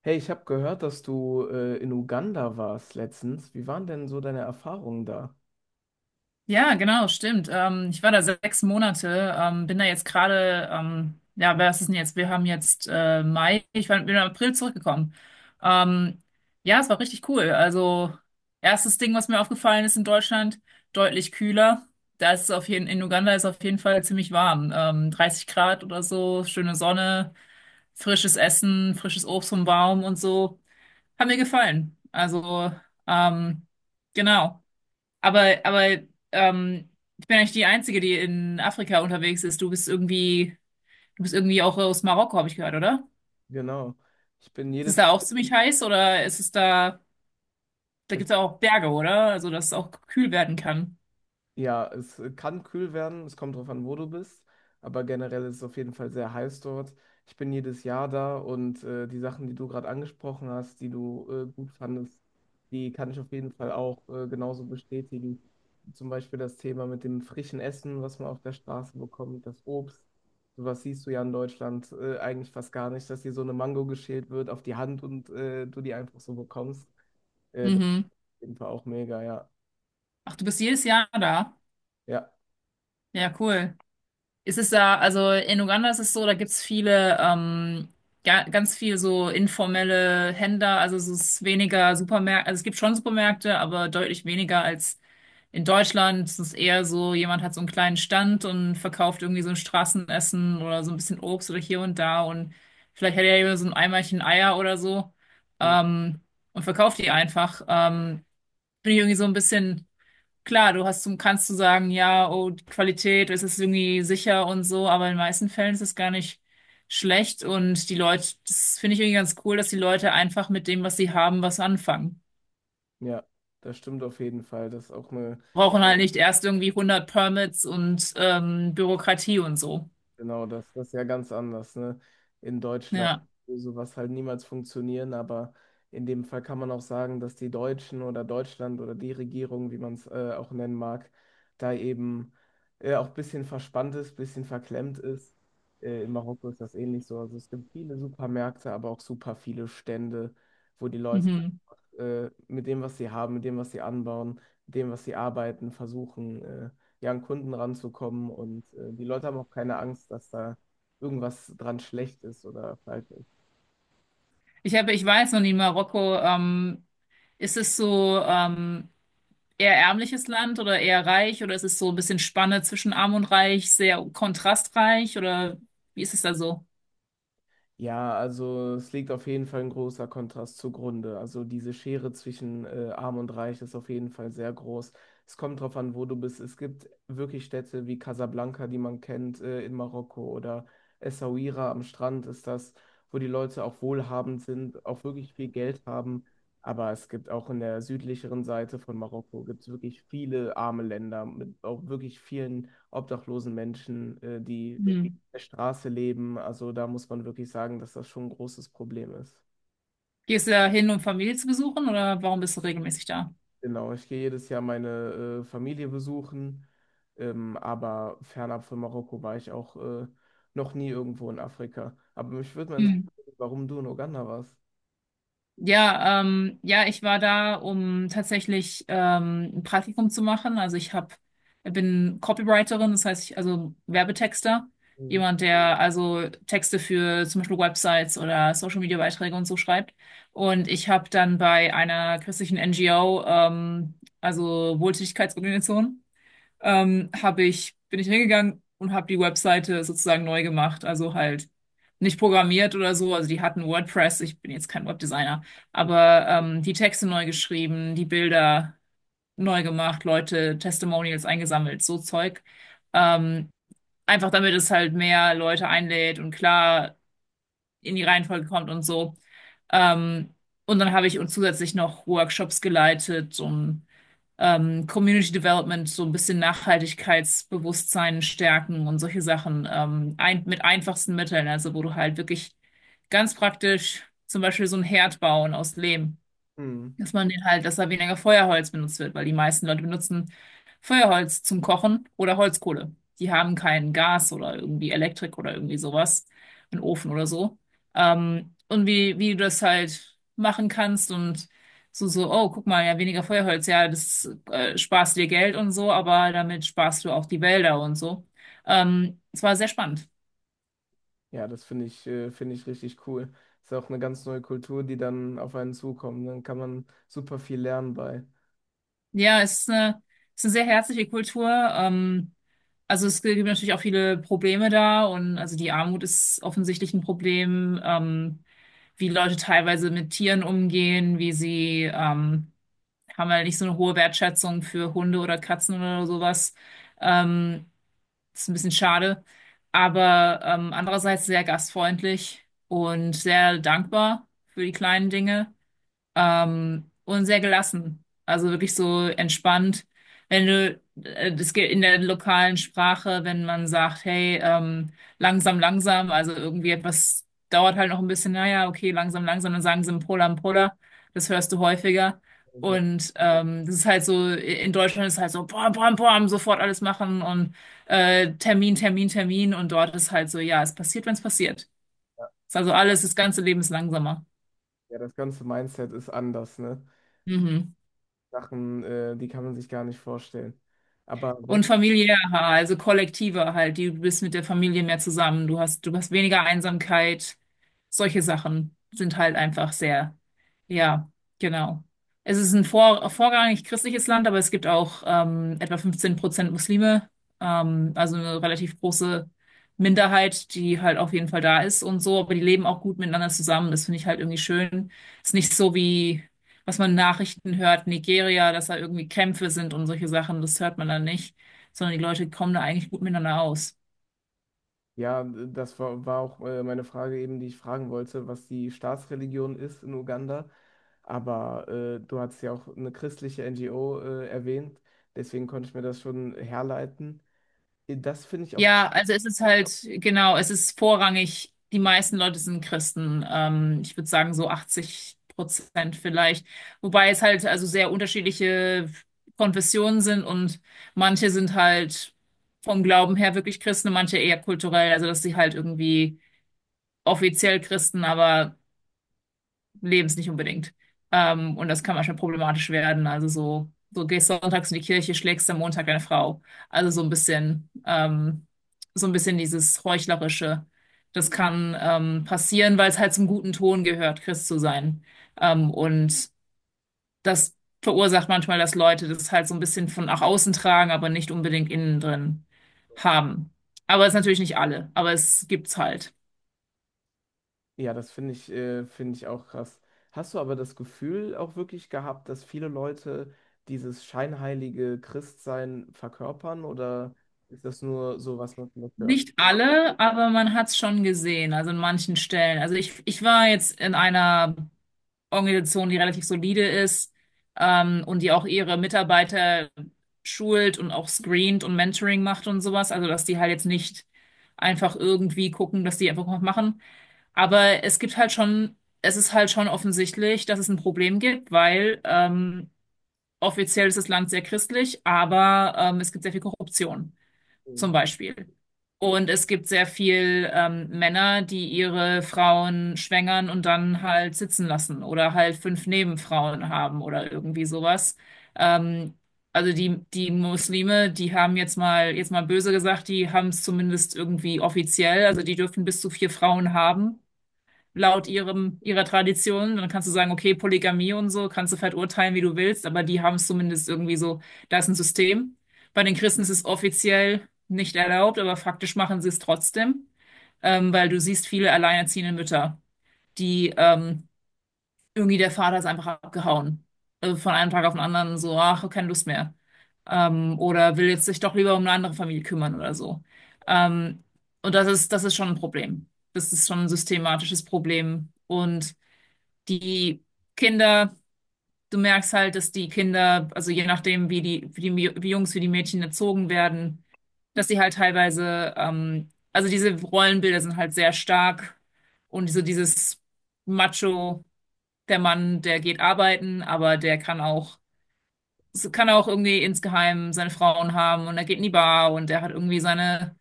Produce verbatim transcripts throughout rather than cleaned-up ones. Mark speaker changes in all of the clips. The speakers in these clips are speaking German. Speaker 1: Hey, ich habe gehört, dass du äh, in Uganda warst letztens. Wie waren denn so deine Erfahrungen da?
Speaker 2: Ja, genau, stimmt. Ähm, ich war da sechs Monate, ähm, bin da jetzt gerade, ähm, ja, was ist denn jetzt? Wir haben jetzt äh, Mai, ich war, bin im April zurückgekommen. Ähm, ja, es war richtig cool. Also, erstes Ding, was mir aufgefallen ist in Deutschland, deutlich kühler. Da ist es auf jeden, In Uganda ist es auf jeden Fall ziemlich warm. Ähm, dreißig Grad oder so, schöne Sonne, frisches Essen, frisches Obst vom Baum und so. Hat mir gefallen. Also, ähm, genau. Aber, aber ähm, ich bin eigentlich die Einzige, die in Afrika unterwegs ist. Du bist irgendwie, du bist irgendwie auch aus Marokko, habe ich gehört, oder?
Speaker 1: Genau. Ich bin
Speaker 2: Ist es
Speaker 1: jedes,
Speaker 2: da auch ziemlich heiß oder ist es da, da gibt es auch Berge, oder? Also, dass es auch kühl werden kann.
Speaker 1: Ja, es äh, kann kühl werden, es kommt drauf an, wo du bist, aber generell ist es auf jeden Fall sehr heiß dort. Ich bin jedes Jahr da und äh, die Sachen, die du gerade angesprochen hast, die du äh, gut fandest, die kann ich auf jeden Fall auch äh, genauso bestätigen. Zum Beispiel das Thema mit dem frischen Essen, was man auf der Straße bekommt, das Obst. Sowas siehst du ja in Deutschland äh, eigentlich fast gar nicht, dass dir so eine Mango geschält wird auf die Hand und äh, du die einfach so bekommst. Äh, das ist
Speaker 2: Mhm.
Speaker 1: auf jeden Fall auch mega, ja.
Speaker 2: Ach, du bist jedes Jahr da.
Speaker 1: Ja.
Speaker 2: Ja, cool. Es ist da, also in Uganda ist es so, da gibt's viele, ähm, ga, ganz viel so informelle Händler, also es ist weniger Supermärkte, also es gibt schon Supermärkte, aber deutlich weniger als in Deutschland. Es ist eher so, jemand hat so einen kleinen Stand und verkauft irgendwie so ein Straßenessen oder so ein bisschen Obst oder hier und da und vielleicht hat er ja so ein Eimerchen Eier oder so, ähm, und verkauft die einfach. Ähm, finde ich irgendwie so ein bisschen. Klar, du hast, kannst du sagen, ja, oh, die Qualität, es ist irgendwie sicher und so, aber in den meisten Fällen ist es gar nicht schlecht und die Leute, das finde ich irgendwie ganz cool, dass die Leute einfach mit dem, was sie haben, was anfangen.
Speaker 1: Ja, das stimmt auf jeden Fall. Das ist auch eine,
Speaker 2: Brauchen halt nicht erst irgendwie hundert Permits und ähm, Bürokratie und so.
Speaker 1: genau, das, das ist ja ganz anders, ne? In Deutschland,
Speaker 2: Ja.
Speaker 1: wo sowas halt niemals funktionieren, aber in dem Fall kann man auch sagen, dass die Deutschen oder Deutschland oder die Regierung, wie man es äh, auch nennen mag, da eben äh, auch ein bisschen verspannt ist, ein bisschen verklemmt ist. Äh, in Marokko ist das ähnlich so. Also es gibt viele Supermärkte, aber auch super viele Stände, wo die Leute
Speaker 2: Mhm.
Speaker 1: äh, mit dem, was sie haben, mit dem, was sie anbauen, mit dem, was sie arbeiten, versuchen, äh, ja, an Kunden ranzukommen. Und äh, die Leute haben auch keine Angst, dass da irgendwas dran schlecht ist oder falsch ist.
Speaker 2: Ich habe, ich weiß noch nie, Marokko, ähm, ist es so ähm, eher ärmliches Land oder eher reich oder ist es so ein bisschen Spanne zwischen arm und reich, sehr kontrastreich oder wie ist es da so?
Speaker 1: Ja, also es liegt auf jeden Fall ein großer Kontrast zugrunde. Also diese Schere zwischen äh, Arm und Reich ist auf jeden Fall sehr groß. Es kommt drauf an, wo du bist. Es gibt wirklich Städte wie Casablanca, die man kennt, äh, in Marokko oder Essaouira am Strand ist das, wo die Leute auch wohlhabend sind, auch wirklich viel Geld haben. Aber es gibt auch in der südlicheren Seite von Marokko gibt's wirklich viele arme Länder mit auch wirklich vielen obdachlosen Menschen, äh, die
Speaker 2: Hm.
Speaker 1: der Straße leben. Also da muss man wirklich sagen, dass das schon ein großes Problem ist.
Speaker 2: Gehst du da hin, um Familie zu besuchen oder warum bist du regelmäßig da?
Speaker 1: Genau, ich gehe jedes Jahr meine äh, Familie besuchen, ähm, aber fernab von Marokko war ich auch äh, noch nie irgendwo in Afrika. Aber mich würde mal
Speaker 2: Mhm.
Speaker 1: interessieren, warum du in Uganda warst.
Speaker 2: Ja, ähm, ja, ich war da, um tatsächlich ähm, ein Praktikum zu machen. Also ich hab, bin Copywriterin, das heißt, ich, also Werbetexter,
Speaker 1: Mhm.
Speaker 2: jemand, der also Texte für zum Beispiel Websites oder Social Media Beiträge und so schreibt. Und ich habe dann bei einer christlichen N G O, ähm, also Wohltätigkeitsorganisation, ähm, habe ich, bin ich hingegangen und habe die Webseite sozusagen neu gemacht. Also halt nicht programmiert oder so. Also die hatten WordPress. Ich bin jetzt kein Webdesigner, aber ähm, die Texte neu geschrieben, die Bilder neu gemacht, Leute, Testimonials eingesammelt, so Zeug. Ähm, Einfach damit es halt mehr Leute einlädt und klar in die Reihenfolge kommt und so. Ähm, und dann habe ich und zusätzlich noch Workshops geleitet und ähm, Community Development, so ein bisschen Nachhaltigkeitsbewusstsein stärken und solche Sachen, ähm, ein, mit einfachsten Mitteln, also wo du halt wirklich ganz praktisch zum Beispiel so einen Herd bauen aus Lehm.
Speaker 1: Mhm.
Speaker 2: Dass man den halt, dass da weniger Feuerholz benutzt wird, weil die meisten Leute benutzen Feuerholz zum Kochen oder Holzkohle. Die haben kein Gas oder irgendwie Elektrik oder irgendwie sowas, einen Ofen oder so. Ähm, und wie, wie du das halt machen kannst und so, so, oh, guck mal, ja, weniger Feuerholz, ja, das äh, sparst dir Geld und so, aber damit sparst du auch die Wälder und so. Ähm, es war sehr spannend.
Speaker 1: Ja, das finde ich, äh, finde ich richtig cool. Ist ja auch eine ganz neue Kultur, die dann auf einen zukommt. Dann kann man super viel lernen bei.
Speaker 2: Ja, es ist eine, es ist eine sehr herzliche Kultur. Ähm, also es gibt natürlich auch viele Probleme da und also die Armut ist offensichtlich ein Problem, ähm, wie Leute teilweise mit Tieren umgehen, wie sie ähm, haben halt nicht so eine hohe Wertschätzung für Hunde oder Katzen oder sowas. Ähm, Ist ein bisschen schade, aber ähm, andererseits sehr gastfreundlich und sehr dankbar für die kleinen Dinge, ähm, und sehr gelassen. Also wirklich so entspannt. Wenn du, äh, Das geht in der lokalen Sprache, wenn man sagt, hey, ähm, langsam, langsam, also irgendwie etwas dauert halt noch ein bisschen, naja, okay, langsam, langsam, dann sagen sie Mpola, Mpola. Das hörst du häufiger.
Speaker 1: Also,
Speaker 2: Und ähm, das ist halt so, in Deutschland ist halt so, bam, bam, bam, sofort alles machen und äh, Termin, Termin, Termin. Und dort ist halt so, ja, es passiert, wenn es passiert. Ist also alles, das ganze Leben ist langsamer.
Speaker 1: ja, das ganze Mindset ist anders, ne?
Speaker 2: Mhm.
Speaker 1: Sachen, äh, die kann man sich gar nicht vorstellen. Aber wel-
Speaker 2: Und familiärer, also kollektiver halt. Die- Du bist mit der Familie mehr zusammen. Du hast, du hast weniger Einsamkeit. Solche Sachen sind halt einfach sehr, ja, genau. Es ist ein vor, vorrangig christliches Land, aber es gibt auch ähm, etwa fünfzehn Prozent Muslime, ähm, also eine relativ große Minderheit, die halt auf jeden Fall da ist und so, aber die leben auch gut miteinander zusammen. Das finde ich halt irgendwie schön. Ist nicht so wie, was man in Nachrichten hört, Nigeria, dass da irgendwie Kämpfe sind und solche Sachen, das hört man dann nicht, sondern die Leute kommen da eigentlich gut miteinander aus.
Speaker 1: ja, das war, war auch äh, meine Frage eben, die ich fragen wollte, was die Staatsreligion ist in Uganda. Aber äh, du hast ja auch eine christliche N G O äh, erwähnt, deswegen konnte ich mir das schon herleiten. Äh, Das finde ich auf,
Speaker 2: Ja, also es ist halt, genau, es ist vorrangig, die meisten Leute sind Christen. Ähm, ich würde sagen so achtzig Prozent vielleicht. Wobei es halt also sehr unterschiedliche Konfessionen sind und manche sind halt vom Glauben her wirklich Christen, und manche eher kulturell, also dass sie halt irgendwie offiziell Christen, aber Lebens nicht unbedingt. Ähm, und das kann manchmal problematisch werden. Also so, so gehst sonntags in die Kirche, schlägst am Montag deine Frau. Also so ein bisschen, ähm, so ein bisschen dieses Heuchlerische. Das kann ähm, passieren, weil es halt zum guten Ton gehört, Christ zu sein. Ähm, und das verursacht manchmal, dass Leute das halt so ein bisschen von nach außen tragen, aber nicht unbedingt innen drin haben. Aber es ist natürlich nicht alle, aber es gibt's halt.
Speaker 1: ja, das finde ich, äh, finde ich auch krass. Hast du aber das Gefühl auch wirklich gehabt, dass viele Leute dieses scheinheilige Christsein verkörpern oder ist das nur so, was man vielleicht hört?
Speaker 2: Nicht alle, aber man hat es schon gesehen, also in manchen Stellen. Also ich, ich war jetzt in einer Organisation, die relativ solide ist, ähm, und die auch ihre Mitarbeiter schult und auch screent und Mentoring macht und sowas. Also dass die halt jetzt nicht einfach irgendwie gucken, dass die einfach was machen. Aber es gibt halt schon, es ist halt schon offensichtlich, dass es ein Problem gibt, weil ähm, offiziell ist das Land sehr christlich, aber ähm, es gibt sehr viel Korruption zum Beispiel. Und es gibt sehr viel ähm, Männer, die ihre Frauen schwängern und dann halt sitzen lassen oder halt fünf Nebenfrauen haben oder irgendwie sowas. Ähm, also die, die Muslime, die haben jetzt mal, jetzt mal böse gesagt, die haben es zumindest irgendwie offiziell, also die dürfen bis zu vier Frauen haben laut ihrem, ihrer Tradition. Dann kannst du sagen, okay, Polygamie und so, kannst du verurteilen, wie du willst, aber die haben es zumindest irgendwie so, da ist ein System. Bei den Christen ist es offiziell nicht erlaubt, aber faktisch machen sie es trotzdem, ähm, weil du siehst viele alleinerziehende Mütter, die ähm, irgendwie der Vater ist einfach abgehauen. Also von einem Tag auf den anderen so, ach, keine Lust mehr. Ähm, oder will jetzt sich doch lieber um eine andere Familie kümmern oder so. Ähm, und das ist, das ist schon ein Problem. Das ist schon ein systematisches Problem. Und die Kinder, du merkst halt, dass die Kinder, also je nachdem, wie die, wie die wie Jungs, wie die Mädchen erzogen werden, dass sie halt teilweise, ähm, also diese Rollenbilder sind halt sehr stark und so dieses Macho, der Mann, der geht arbeiten, aber der kann auch, kann auch irgendwie insgeheim seine Frauen haben und er geht in die Bar und er hat irgendwie seine,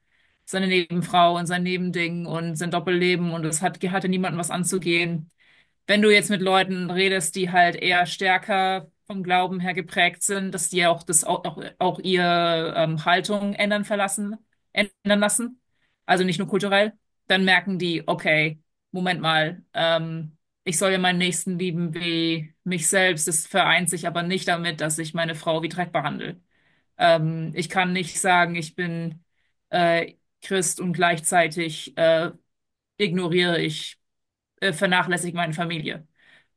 Speaker 2: seine Nebenfrau und sein Nebending und sein Doppelleben und es hat, hatte niemanden was anzugehen, wenn du jetzt mit Leuten redest, die halt eher stärker vom Glauben her geprägt sind, dass die ja auch das auch, auch, auch ihre ähm, Haltung ändern verlassen, ändern lassen, also nicht nur kulturell, dann merken die, okay, Moment mal, ähm, ich soll ja meinen Nächsten lieben wie mich selbst. Das vereint sich aber nicht damit, dass ich meine Frau wie Dreck behandle. Ähm, ich kann nicht sagen, ich bin äh, Christ und gleichzeitig äh, ignoriere ich äh, vernachlässige meine Familie.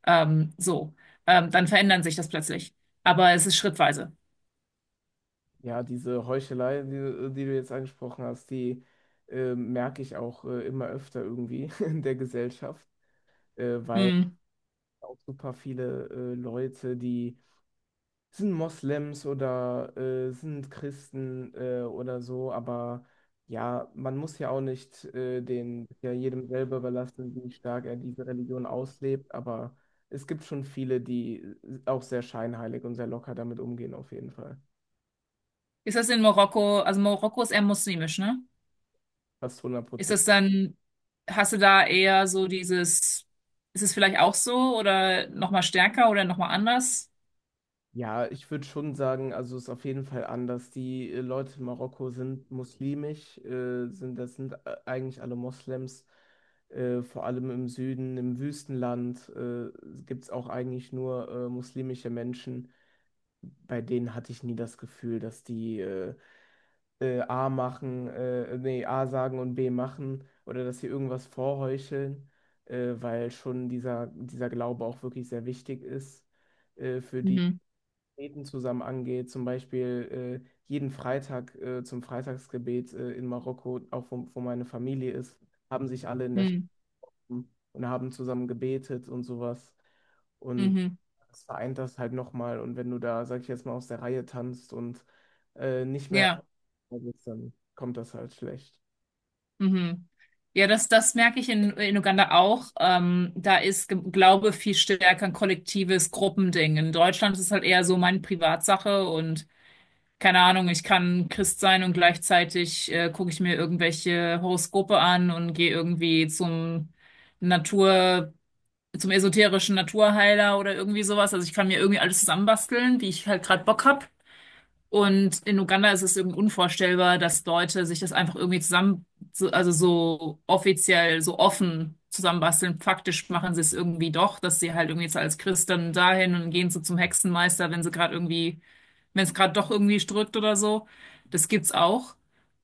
Speaker 2: Ähm, so, ähm, dann verändern sich das plötzlich. Aber es ist schrittweise.
Speaker 1: Ja, diese Heuchelei, die, äh, die du jetzt angesprochen hast, die äh, merke ich auch äh, immer öfter irgendwie in der Gesellschaft, äh, weil
Speaker 2: Hm.
Speaker 1: auch super viele äh, Leute, die sind Moslems oder äh, sind Christen äh, oder so, aber ja, man muss ja auch nicht äh, den ja jedem selber überlassen, wie stark er diese Religion auslebt, aber es gibt schon viele, die äh, auch sehr scheinheilig und sehr locker damit umgehen, auf jeden Fall.
Speaker 2: Ist das in Marokko, also Marokko ist eher muslimisch, ne?
Speaker 1: Fast hundert.
Speaker 2: Ist das dann, hast du da eher so dieses, ist es vielleicht auch so oder nochmal stärker oder nochmal anders?
Speaker 1: Ja, ich würde schon sagen, also es ist auf jeden Fall anders. Die äh, Leute in Marokko sind muslimisch, äh, sind, das sind äh, eigentlich alle Moslems, äh, vor allem im Süden, im Wüstenland, äh, gibt es auch eigentlich nur äh, muslimische Menschen. Bei denen hatte ich nie das Gefühl, dass die äh, äh, A machen, äh, nee, A sagen und B machen oder dass sie irgendwas vorheucheln, äh, weil schon dieser, dieser Glaube auch wirklich sehr wichtig ist äh, für die.
Speaker 2: Mhm.
Speaker 1: Gebeten zusammen angeht, zum Beispiel äh, jeden Freitag äh, zum Freitagsgebet äh, in Marokko, auch wo, wo meine Familie ist, haben sich alle in der Stadt
Speaker 2: Mhm.
Speaker 1: und haben zusammen gebetet und sowas. Und
Speaker 2: Mhm.
Speaker 1: das vereint das halt nochmal. Und wenn du da, sag ich jetzt mal, aus der Reihe tanzt und äh, nicht mehr,
Speaker 2: Ja.
Speaker 1: dann kommt das halt schlecht.
Speaker 2: Mhm. Ja, das, das merke ich in, in Uganda auch. Ähm, da ist Ge- Glaube viel stärker ein kollektives Gruppending. In Deutschland ist es halt eher so meine Privatsache und keine Ahnung, ich kann Christ sein und gleichzeitig äh, gucke ich mir irgendwelche Horoskope an und gehe irgendwie zum Natur, zum esoterischen Naturheiler oder irgendwie sowas. Also ich kann mir irgendwie alles zusammenbasteln, wie ich halt gerade Bock hab. Und in Uganda ist es eben unvorstellbar, dass Leute sich das einfach irgendwie zusammen, so- also so offiziell, so offen zusammenbasteln. Faktisch machen sie es irgendwie doch, dass sie halt irgendwie jetzt als Christ dann dahin und gehen so zum Hexenmeister, wenn sie gerade irgendwie, wenn es gerade doch irgendwie drückt oder so. Das gibt's auch.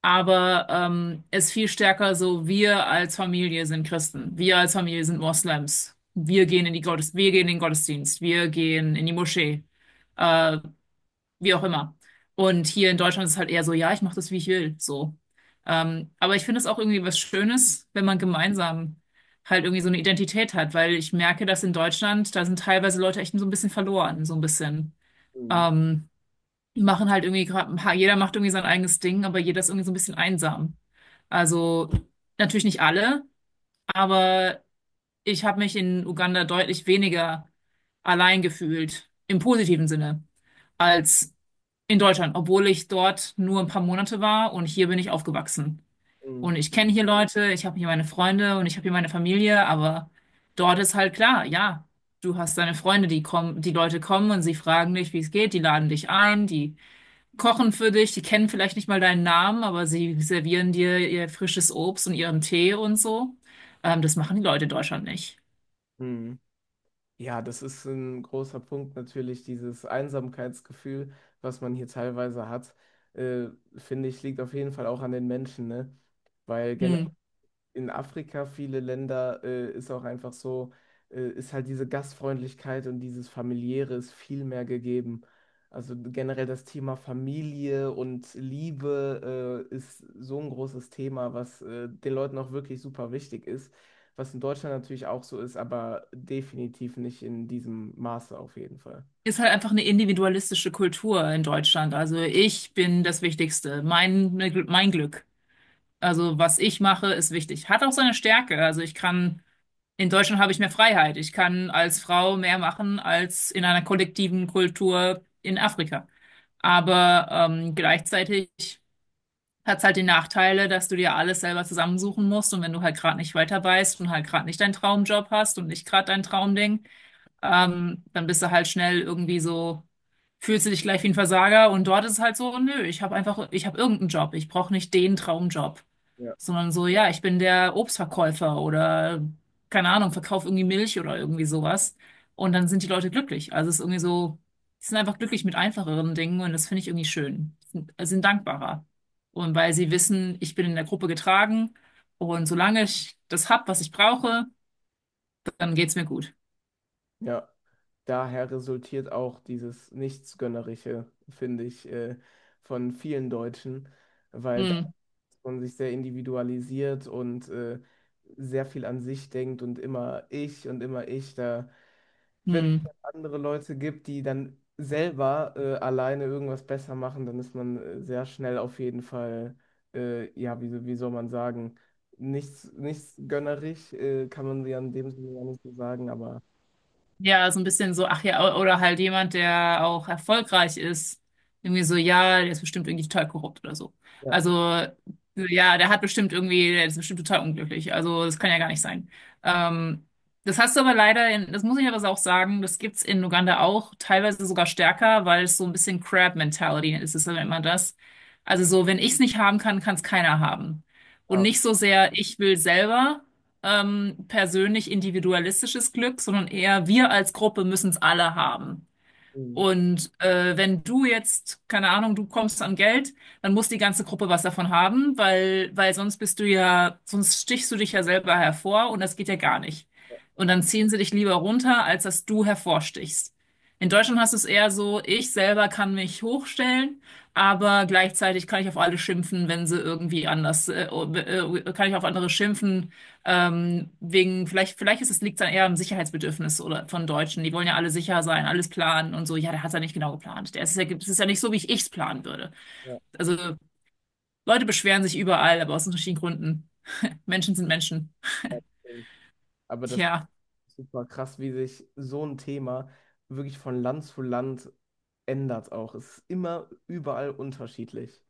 Speaker 2: Aber ähm, es ist viel stärker so, wir als Familie sind Christen, wir als Familie sind Moslems, wir gehen in die Gottes, wir gehen in den Gottesdienst, wir gehen in die Moschee. Äh, Wie auch immer. Und hier in Deutschland ist es halt eher so, ja, ich mache das, wie ich will, so. Ähm, aber ich finde es auch irgendwie was Schönes, wenn man gemeinsam halt irgendwie so eine Identität hat, weil ich merke, dass in Deutschland, da sind teilweise Leute echt so ein bisschen verloren, so ein bisschen.
Speaker 1: Mhm.
Speaker 2: Ähm, Die machen halt irgendwie gerade, ha- jeder macht irgendwie sein eigenes Ding, aber jeder ist irgendwie so ein bisschen einsam. Also natürlich nicht alle, aber ich habe mich in Uganda deutlich weniger allein gefühlt, im positiven Sinne, als in Deutschland, obwohl ich dort nur ein paar Monate war und hier bin ich aufgewachsen.
Speaker 1: Mhm.
Speaker 2: Und ich kenne hier Leute, ich habe hier meine Freunde und ich habe hier meine Familie, aber dort ist halt klar, ja, du hast deine Freunde, die kommen, die Leute kommen und sie fragen dich, wie es geht, die laden dich ein, die kochen für dich, die kennen vielleicht nicht mal deinen Namen, aber sie servieren dir ihr frisches Obst und ihren Tee und so. Ähm, das machen die Leute in Deutschland nicht.
Speaker 1: Mhm. Ja, das ist ein großer Punkt natürlich, dieses Einsamkeitsgefühl, was man hier teilweise hat, äh, finde ich, liegt auf jeden Fall auch an den Menschen, ne? Weil
Speaker 2: Hm.
Speaker 1: in Afrika viele Länder äh, ist auch einfach so, äh, ist halt diese Gastfreundlichkeit und dieses Familiäre ist viel mehr gegeben. Also generell das Thema Familie und Liebe äh, ist so ein großes Thema, was äh, den Leuten auch wirklich super wichtig ist, was in Deutschland natürlich auch so ist, aber definitiv nicht in diesem Maße auf jeden Fall.
Speaker 2: Ist halt einfach eine individualistische Kultur in Deutschland. Also ich bin das Wichtigste, mein, mein Glück. Also was ich mache, ist wichtig. Hat auch seine Stärke. Also ich kann, in Deutschland habe ich mehr Freiheit. Ich kann als Frau mehr machen als in einer kollektiven Kultur in Afrika. Aber ähm, gleichzeitig hat es halt die Nachteile, dass du dir alles selber zusammensuchen musst. Und wenn du halt gerade nicht weiter weißt und halt gerade nicht deinen Traumjob hast und nicht gerade dein Traumding, ähm, dann bist du halt schnell irgendwie so, fühlst du dich gleich wie ein Versager und dort ist es halt so, nö, ich habe einfach, ich habe irgendeinen Job, ich brauche nicht den Traumjob,
Speaker 1: Ja.
Speaker 2: sondern so, ja, ich bin der Obstverkäufer oder keine Ahnung, verkauf irgendwie Milch oder irgendwie sowas und dann sind die Leute glücklich. Also es ist irgendwie so, die sind einfach glücklich mit einfacheren Dingen und das finde ich irgendwie schön. Sind, sind dankbarer. Und weil sie wissen, ich bin in der Gruppe getragen und solange ich das hab, was ich brauche, dann geht's mir gut.
Speaker 1: Ja, daher resultiert auch dieses Nichtsgönnerische, finde ich, äh, von vielen Deutschen, weil
Speaker 2: Hm.
Speaker 1: und sich sehr individualisiert und äh, sehr viel an sich denkt und immer ich und immer ich. Da, wenn es
Speaker 2: Hm.
Speaker 1: dann andere Leute gibt, die dann selber äh, alleine irgendwas besser machen, dann ist man äh, sehr schnell auf jeden Fall, äh, ja, wie, so, wie soll man sagen, nichts, nichts gönnerisch, äh, kann man ja in dem Sinne ja nicht so sagen, aber
Speaker 2: Ja, so ein bisschen so, ach ja, oder halt jemand, der auch erfolgreich ist. Irgendwie so, ja, der ist bestimmt irgendwie total korrupt oder so.
Speaker 1: ja,
Speaker 2: Also, ja, der hat bestimmt irgendwie, der ist bestimmt total unglücklich. Also, das kann ja gar nicht sein. Ähm, Das hast du aber leider, in, das muss ich aber auch sagen, das gibt's in Uganda auch, teilweise sogar stärker, weil es so ein bisschen Crab-Mentality ist, das nennt man das. Also so, wenn ich's nicht haben kann, kann's keiner haben. Und
Speaker 1: ah,
Speaker 2: nicht so sehr, ich will selber ähm, persönlich individualistisches Glück, sondern eher wir als Gruppe müssen es alle haben.
Speaker 1: hm,
Speaker 2: Und äh, wenn du jetzt, keine Ahnung, du kommst an Geld, dann muss die ganze Gruppe was davon haben, weil, weil sonst bist du ja, sonst stichst du dich ja selber hervor und das geht ja gar nicht. Und dann ziehen sie dich lieber runter, als dass du hervorstichst. In Deutschland hast du es eher so, ich selber kann mich hochstellen, aber gleichzeitig kann ich auf alle schimpfen, wenn sie irgendwie anders, äh, äh, kann ich auf andere schimpfen, ähm, wegen, vielleicht, vielleicht ist es, liegt es dann eher am Sicherheitsbedürfnis oder von Deutschen. Die wollen ja alle sicher sein, alles planen und so. Ja, der hat es ja nicht genau geplant. Der ist ja, es ist ja nicht so, wie ich es planen würde.
Speaker 1: ja,
Speaker 2: Also Leute beschweren sich überall, aber aus unterschiedlichen Gründen. Menschen sind Menschen.
Speaker 1: ja, hm. Aber das.
Speaker 2: Tja,
Speaker 1: Super krass, wie sich so ein Thema wirklich von Land zu Land ändert auch. Es ist immer überall unterschiedlich.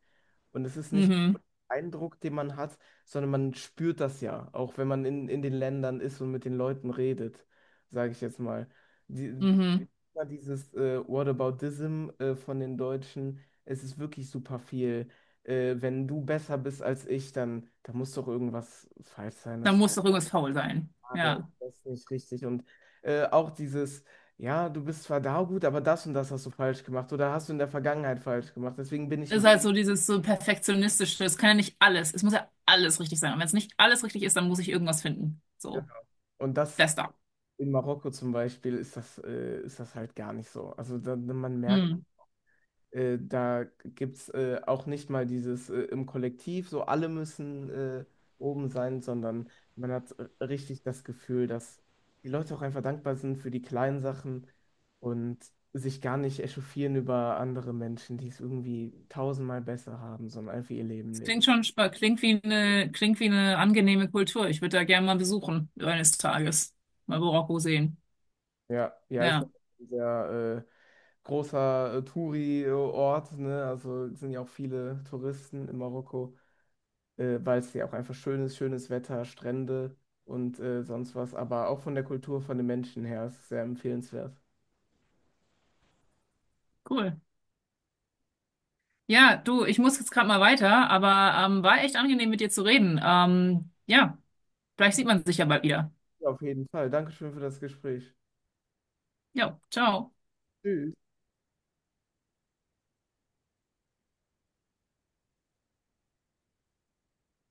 Speaker 1: Und es ist nicht
Speaker 2: mhm,
Speaker 1: ein Eindruck, den man hat, sondern man spürt das ja, auch wenn man in, in den Ländern ist und mit den Leuten redet, sage ich jetzt mal. Die,
Speaker 2: mhm.
Speaker 1: immer dieses äh, Whataboutism äh, von den Deutschen, es ist wirklich super viel. Äh, wenn du besser bist als ich, dann da muss doch irgendwas falsch sein,
Speaker 2: Da muss doch irgendwas faul sein.
Speaker 1: aber ich
Speaker 2: Ja.
Speaker 1: weiß nicht richtig. Und äh, auch dieses, ja, du bist zwar da gut, aber das und das hast du falsch gemacht oder hast du in der Vergangenheit falsch gemacht. Deswegen bin ich
Speaker 2: Ist
Speaker 1: ein
Speaker 2: halt so dieses so perfektionistische. Es kann ja nicht alles. Es muss ja alles richtig sein. Und wenn es nicht alles richtig ist, dann muss ich irgendwas finden.
Speaker 1: bisschen.
Speaker 2: So.
Speaker 1: Und das
Speaker 2: Das da.
Speaker 1: in Marokko zum Beispiel ist das, äh, ist das halt gar nicht so. Also da, man merkt, Äh, da gibt es äh, auch nicht mal dieses äh, im Kollektiv, so alle müssen äh, oben sein, sondern man hat äh, richtig das Gefühl, dass die Leute auch einfach dankbar sind für die kleinen Sachen und sich gar nicht echauffieren über andere Menschen, die es irgendwie tausendmal besser haben, sondern einfach ihr Leben
Speaker 2: Das klingt
Speaker 1: leben.
Speaker 2: schon, spa- klingt wie eine, klingt wie eine angenehme Kultur. Ich würde da gerne mal besuchen, eines Tages. Mal Marokko sehen.
Speaker 1: Ja, ja, ist
Speaker 2: Ja,
Speaker 1: ein sehr äh, großer äh, Touri-Ort, ne? Also es sind ja auch viele Touristen in Marokko. äh, weil es ja auch einfach schön ist, schönes Wetter, Strände und äh, sonst was. Aber auch von der Kultur, von den Menschen her ist es sehr empfehlenswert.
Speaker 2: cool. Ja, du, ich muss jetzt gerade mal weiter, aber ähm, war echt angenehm, mit dir zu reden. Ähm, ja, vielleicht sieht man sich ja bald wieder.
Speaker 1: Ja, auf jeden Fall. Dankeschön für das Gespräch.
Speaker 2: Ja, ciao.
Speaker 1: Tschüss.